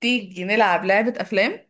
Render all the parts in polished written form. تيجي نلعب لعبة أفلام.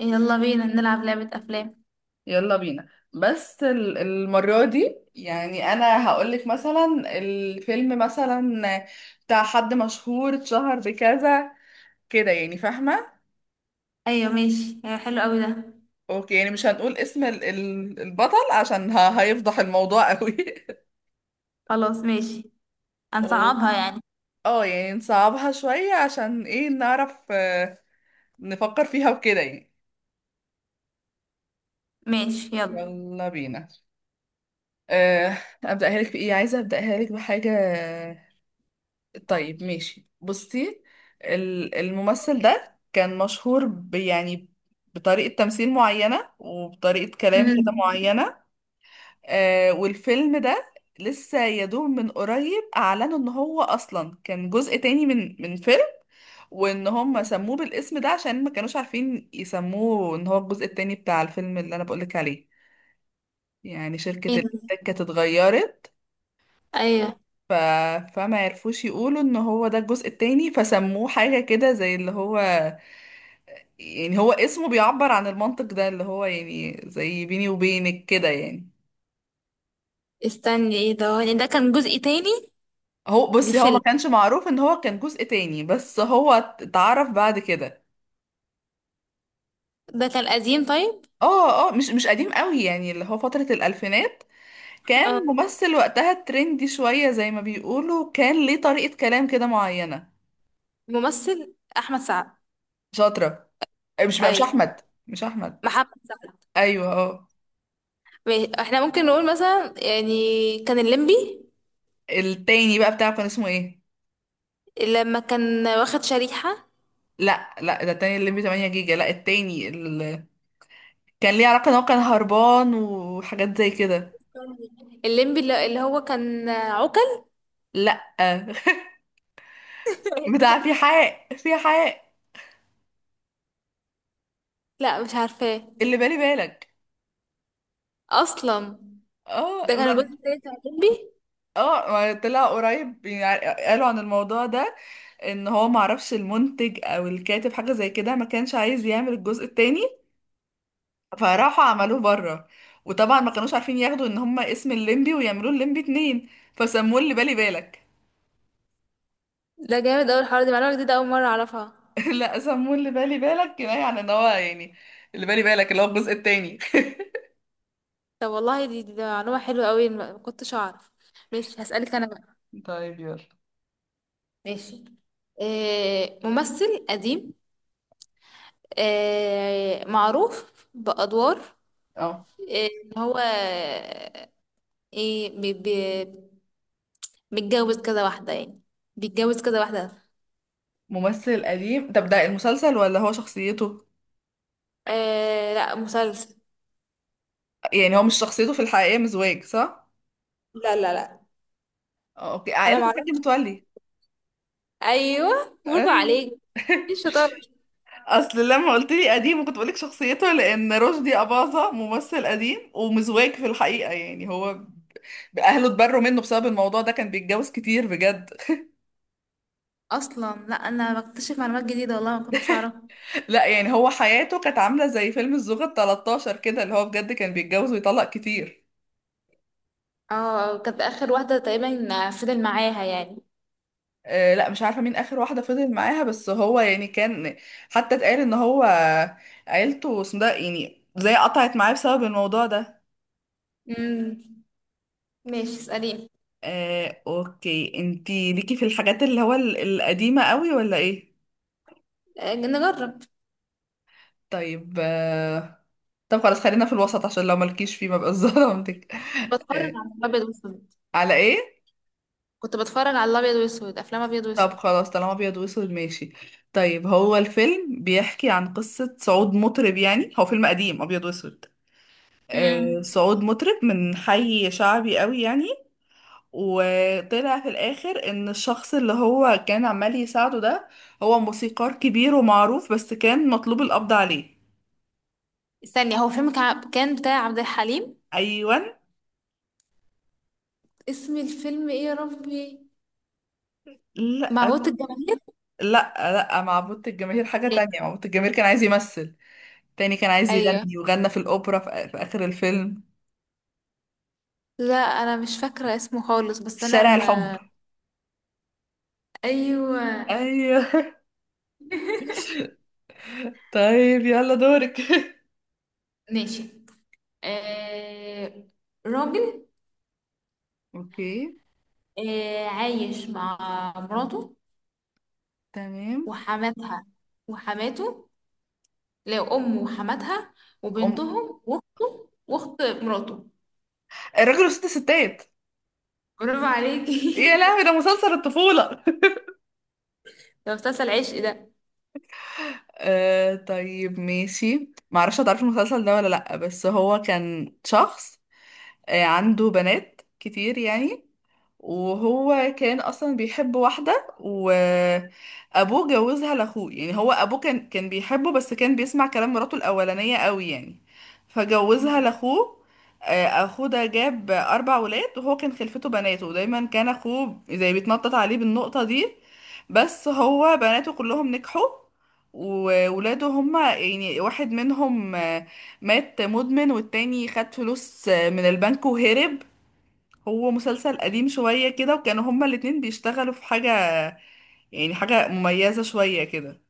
يلا بينا نلعب لعبة أفلام. يلا بينا، بس المرة دي، يعني أنا هقولك مثلا الفيلم مثلا بتاع حد مشهور اتشهر بكذا كده، يعني فاهمة؟ أيوة ماشي، أيوة حلو أوي ده. أوكي، يعني مش هنقول اسم البطل عشان هيفضح الموضوع قوي. خلاص ماشي. أو- هنصعبها يعني. اه يعني نصعبها شوية عشان ايه نعرف، نفكر فيها وكده يعني. ماشي يلا. يلا بينا. آه، أبدأها لك بإيه؟ عايزة أبدأها لك بحاجة. طيب ماشي، بصي. الممثل ده كان مشهور يعني بطريقة تمثيل معينة وبطريقة كلام امم كده معينة. آه، والفيلم ده لسه يا دوب من قريب أعلنوا إن هو أصلا كان جزء تاني من فيلم، وإن هم سموه بالاسم ده عشان ما كانوش عارفين يسموه إن هو الجزء التاني بتاع الفيلم اللي أنا بقولك عليه. يعني شركة ايه ده؟ الإنتاج كانت اتغيرت. ايوه. ف... فما يعرفوش يقولوا ان هو ده الجزء التاني، فسموه حاجة كده زي اللي هو، يعني هو اسمه بيعبر عن المنطق ده، اللي هو يعني زي بيني وبينك كده يعني. استني ايه ده، ده كان جزء تاني هو بصي، هو ما لفيلم؟ كانش معروف ان هو كان جزء تاني، بس هو اتعرف بعد كده. ده كان قديم طيب؟ اه اه، مش قديم قوي، يعني اللي هو فترة الألفينات. اه، كان ممثل وقتها ترندي شوية زي ما بيقولوا، كان ليه طريقة كلام كده معينة. ممثل احمد سعد. شاطرة. مش ايوه، أحمد. مش أحمد. محمد سعد. أيوه اه. ماشي. احنا ممكن نقول مثلا يعني كان الليمبي التاني بقى بتاعه كان اسمه ايه؟ لما كان واخد شريحة. لا لا، ده التاني الليمبي 8 جيجا، لا التاني كان ليه علاقة ان هو كان هربان وحاجات زي كده. الليمبي اللي هو كان عوكل. لا. بتاع في حق لا مش عارفاه اللي بالي بالك. اصلا. اه ده كان الجزء التالت بتاع الليمبي. اه ما طلع قريب يعني قالوا عن الموضوع ده، ان هو معرفش المنتج او الكاتب حاجة زي كده، ما كانش عايز يعمل الجزء التاني، فراحوا عملوه بره. وطبعا ما كانوش عارفين ياخدوا ان هما اسم الليمبي ويعملوه الليمبي اتنين، فسموه اللي بالي بالك. ده جامد اوي الحوار، دي معلومة جديدة أول مرة أعرفها. لا سمون اللي بالي بالك كفايه على ان هو يعني اللي بالي بالك اللي هو الجزء التاني. طب والله دي، دي معلومة حلوة أوي، ما كنتش أعرف. ماشي هسألك أنا بقى. طيب يلا. ماشي. آه، ممثل قديم. آه، معروف بأدوار. اه آه، إن هو آه، إيه بي بي، متجوز كذا واحدة يعني، بيتجوز كذا واحدة. ممثل قديم. طب ده المسلسل ولا هو شخصيته؟ آه لا، مسلسل. يعني هو مش شخصيته في الحقيقة مزواج صح؟ لا لا لا. اه اوكي، أنا عائلة الحاج معرفش. متولي. أيوه برافو ايوه. عليك. ايه الشطارة. اصل لما قلت لي قديم كنت بقولك شخصيته، لان رشدي اباظة ممثل قديم ومزواج في الحقيقة. يعني هو اهله اتبروا منه بسبب الموضوع ده، كان بيتجوز كتير بجد. اصلا لا، انا بكتشف معلومات جديده والله ما كنتش اعرفها. لا يعني هو حياته كانت عاملة زي فيلم الزوجة ال 13 كده، اللي هو بجد كان بيتجوز ويطلق كتير. اه كانت اخر واحدة تقريبا فضل معاها يعني. آه لا مش عارفة مين آخر واحدة فضل معاها، بس هو يعني كان، حتى اتقال ان هو عيلته اسمه ده يعني زي قطعت معاه بسبب الموضوع ده. امم ماشي اساليني. آه اوكي، انتي ليكي في الحاجات اللي هو القديمة قوي ولا ايه؟ آه، نجرب. طيب آه، طب خلاص خلينا في الوسط عشان لو ملكيش فيه ما بقاش ظلمتك. كنت بتفرج آه، على الابيض واسود. على ايه؟ كنت بتفرج على الابيض واسود، افلام ابيض طب واسود. خلاص، طالما ابيض واسود ماشي. طيب هو الفيلم بيحكي عن قصة صعود مطرب، يعني هو فيلم قديم ابيض واسود. امم آه صعود مطرب من حي شعبي قوي يعني. وطلع في الاخر ان الشخص اللي هو كان عمال يساعده ده هو موسيقار كبير ومعروف، بس كان مطلوب القبض عليه. استني، هو فيلم كان بتاع عبد الحليم؟ ايوان. اسم الفيلم ايه يا ربي؟ لا معوضة الجماهير. لا لا، معبود الجماهير حاجة تانية. معبود الجماهير كان عايز يمثل تاني، كان عايز ايوه. يغني وغنى في الاوبرا في اخر الفيلم. لا انا مش فاكرة اسمه خالص، بس انا شارع الحب. ما. ايوه. ايوه. طيب يلا دورك. ماشي. آه... راجل، اوكي. آه، عايش مع مراته تمام. وحماتها. وحماته. لا، أمه وحماتها أم... وبنتهم وأخته وأخت مراته. الراجل وست ستات. برافو عليكي. يا لهوي ده مسلسل الطفولة. ده مسلسل عشق ده. آه طيب ماشي، معرفش هتعرفي المسلسل ده ولا لأ، بس هو كان شخص عنده بنات كتير يعني، وهو كان اصلا بيحب واحده، وابوه جوزها لاخوه. يعني هو ابوه كان بيحبه بس كان بيسمع كلام مراته الاولانيه قوي يعني، فجوزها مم. لاخوه. اخوه ده جاب اربع ولاد، وهو كان خلفته بناته، ودايما كان اخوه زي بيتنطط عليه بالنقطه دي، بس هو بناته كلهم نجحوا، وولاده هما يعني واحد منهم مات مدمن، والتاني خد فلوس من البنك وهرب. هو مسلسل قديم شوية كده، وكانوا هما الاتنين بيشتغلوا في حاجة يعني حاجة مميزة شوية كده.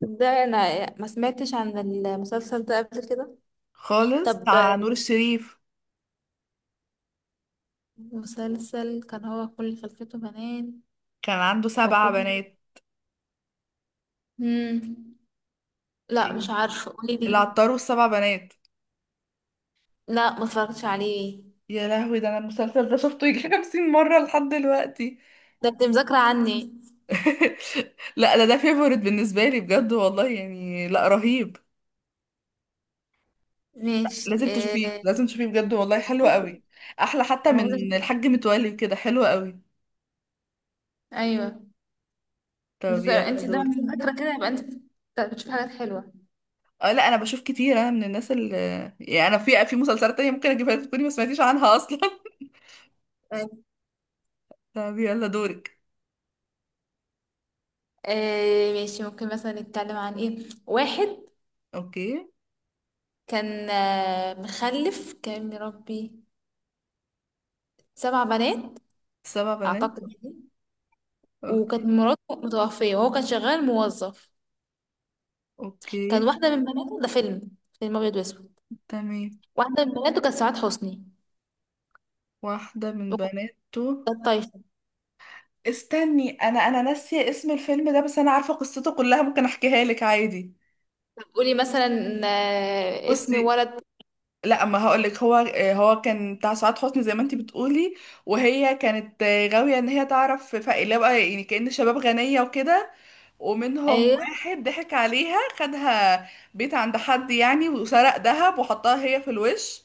ده انا ما سمعتش عن المسلسل ده قبل كده. خالص، طب بتاع نور الشريف. مسلسل كان هو كل خلفته بنات كان عنده سبع واخوه. بنات. مم. لا إيه؟ مش عارفه، قولي لي. العطار والسبع بنات. لا ما اتفرجتش عليه. يا لهوي ده انا المسلسل ده شفته يجي 50 مرة لحد دلوقتي. ده انت مذاكره عني. لا ده ده فيفورت بالنسبة لي بجد والله يعني، لا رهيب. ماشي لازم تشوفيه، آه، لازم تشوفيه بجد والله، حلو هشوفه. قوي. احلى حتى انا عايزه من أشوف- الحاج متولي، كده حلو قوي. ايوه. طب يلا انت ده دور. فاكره كده، يبقى انت بتشوف حاجات حلوه. اه لا انا بشوف كتير، انا من الناس اللي يعني، انا في مسلسلات تانية ممكن اجيبها لك تكوني ما سمعتيش عنها اصلا. طيب. طب يلا دورك. آه ماشي، ممكن مثلا نتكلم عن ايه، واحد اوكي. كان آه مخلف، كان مربي سبع بنات سبع بنات. اعتقد يعني. وكانت اوكي. مراته متوفيه وهو كان شغال موظف. كان اوكي. واحده من بناته، ده فيلم، فيلم ابيض واسود. تمام. واحده من بناته كانت سعاد حسني، واحدة من بناته. وكانت طايشه. استني، انا ناسية اسم الفيلم ده، بس انا عارفة قصته كلها، ممكن احكيها لك عادي. طب قولي مثلا آه اسم بصي، ولد. لا اما هقول لك. هو هو كان بتاع سعاد حسني زي ما انتي بتقولي، وهي كانت غاوية ان هي تعرف فقير اللي هو بقى، يعني كأن شباب غنية وكده. ومنهم ايوه واحد ضحك عليها، خدها بيت عند حد يعني، وسرق ذهب وحطها هي في الوش،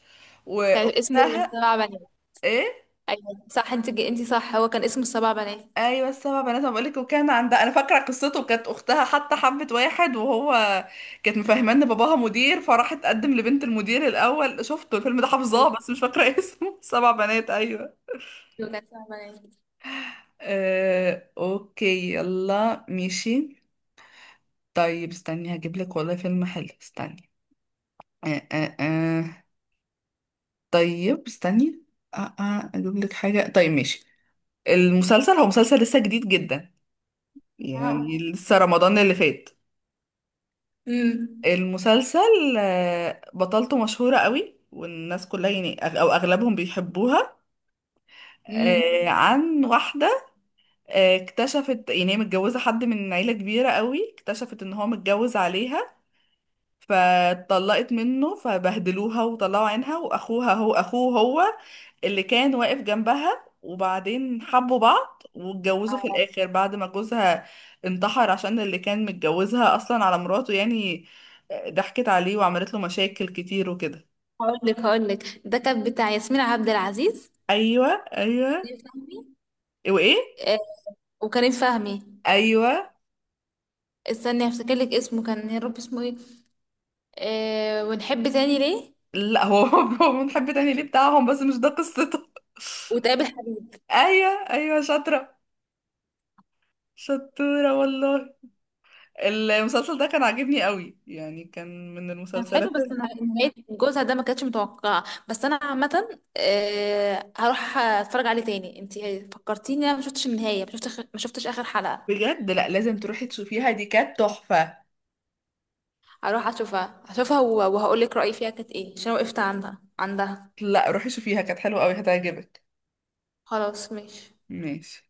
كان اسمه واختها. سبع بنات. ايه؟ ايوه صح، انت انت صح، هو كان اسمه السبع بنات. ايوه السبع بنات ما بقولك. وكان عندها انا فاكره قصته، كانت اختها حتى حبت واحد وهو كانت مفهمه ان باباها مدير، فراحت تقدم لبنت المدير. الاول شفته الفيلم ده حافظاه، ايوه بس مش فاكره اسمه. سبع بنات ايوه. كان سبع بنات. اوكي يلا ماشي. طيب استني هجيب لك والله فيلم حلو، استني. آه آه آه. طيب استني، اجيب لك حاجة. طيب ماشي. المسلسل هو مسلسل لسه جديد جدا، يعني اه. لسه رمضان اللي فات. امم المسلسل بطلته مشهورة قوي، والناس كلها يعني او اغلبهم بيحبوها. امم. عن واحدة اكتشفت يعني هي متجوزة حد من عيلة كبيرة قوي، اكتشفت ان هو متجوز عليها، فاتطلقت منه، فبهدلوها وطلعوا عينها، واخوها هو اخوه، هو اللي كان واقف جنبها، وبعدين حبوا بعض واتجوزوا في الاخر بعد ما جوزها انتحر، عشان اللي كان متجوزها اصلا على مراته، يعني ضحكت عليه وعملت له مشاكل كتير وكده. هقول لك، هقول لك ده كان بتاع ياسمين عبد العزيز، ايوه. ايوه. كريم فهمي. وايه؟ آه، وكريم فهمي. ايوه. استني هفتكر لك اسمه، كان يا رب اسمه ايه؟ آه، ونحب تاني ليه. لا هو هو منحب تاني ليه بتاعهم، بس مش ده قصته. وتقابل حبيب. ايوه ايوه، شاطره. شطوره والله. المسلسل ده كان عاجبني قوي، يعني كان من كان حلو، المسلسلات. نهاية جوزها ده ما كانتش متوقعة. بس انا عامة آه هروح اتفرج عليه تاني. انت فكرتيني، انا ما شفتش النهاية، ما شفتش اخر حلقة. بجد لا لازم تروحي تشوفيها، دي كانت تحفة. هروح اشوفها اشوفها، وهقول لك رأيي فيها كانت ايه، عشان وقفت عندها عندها. لا روحي شوفيها، كانت حلوة قوي، هتعجبك. خلاص ماشي. ماشي.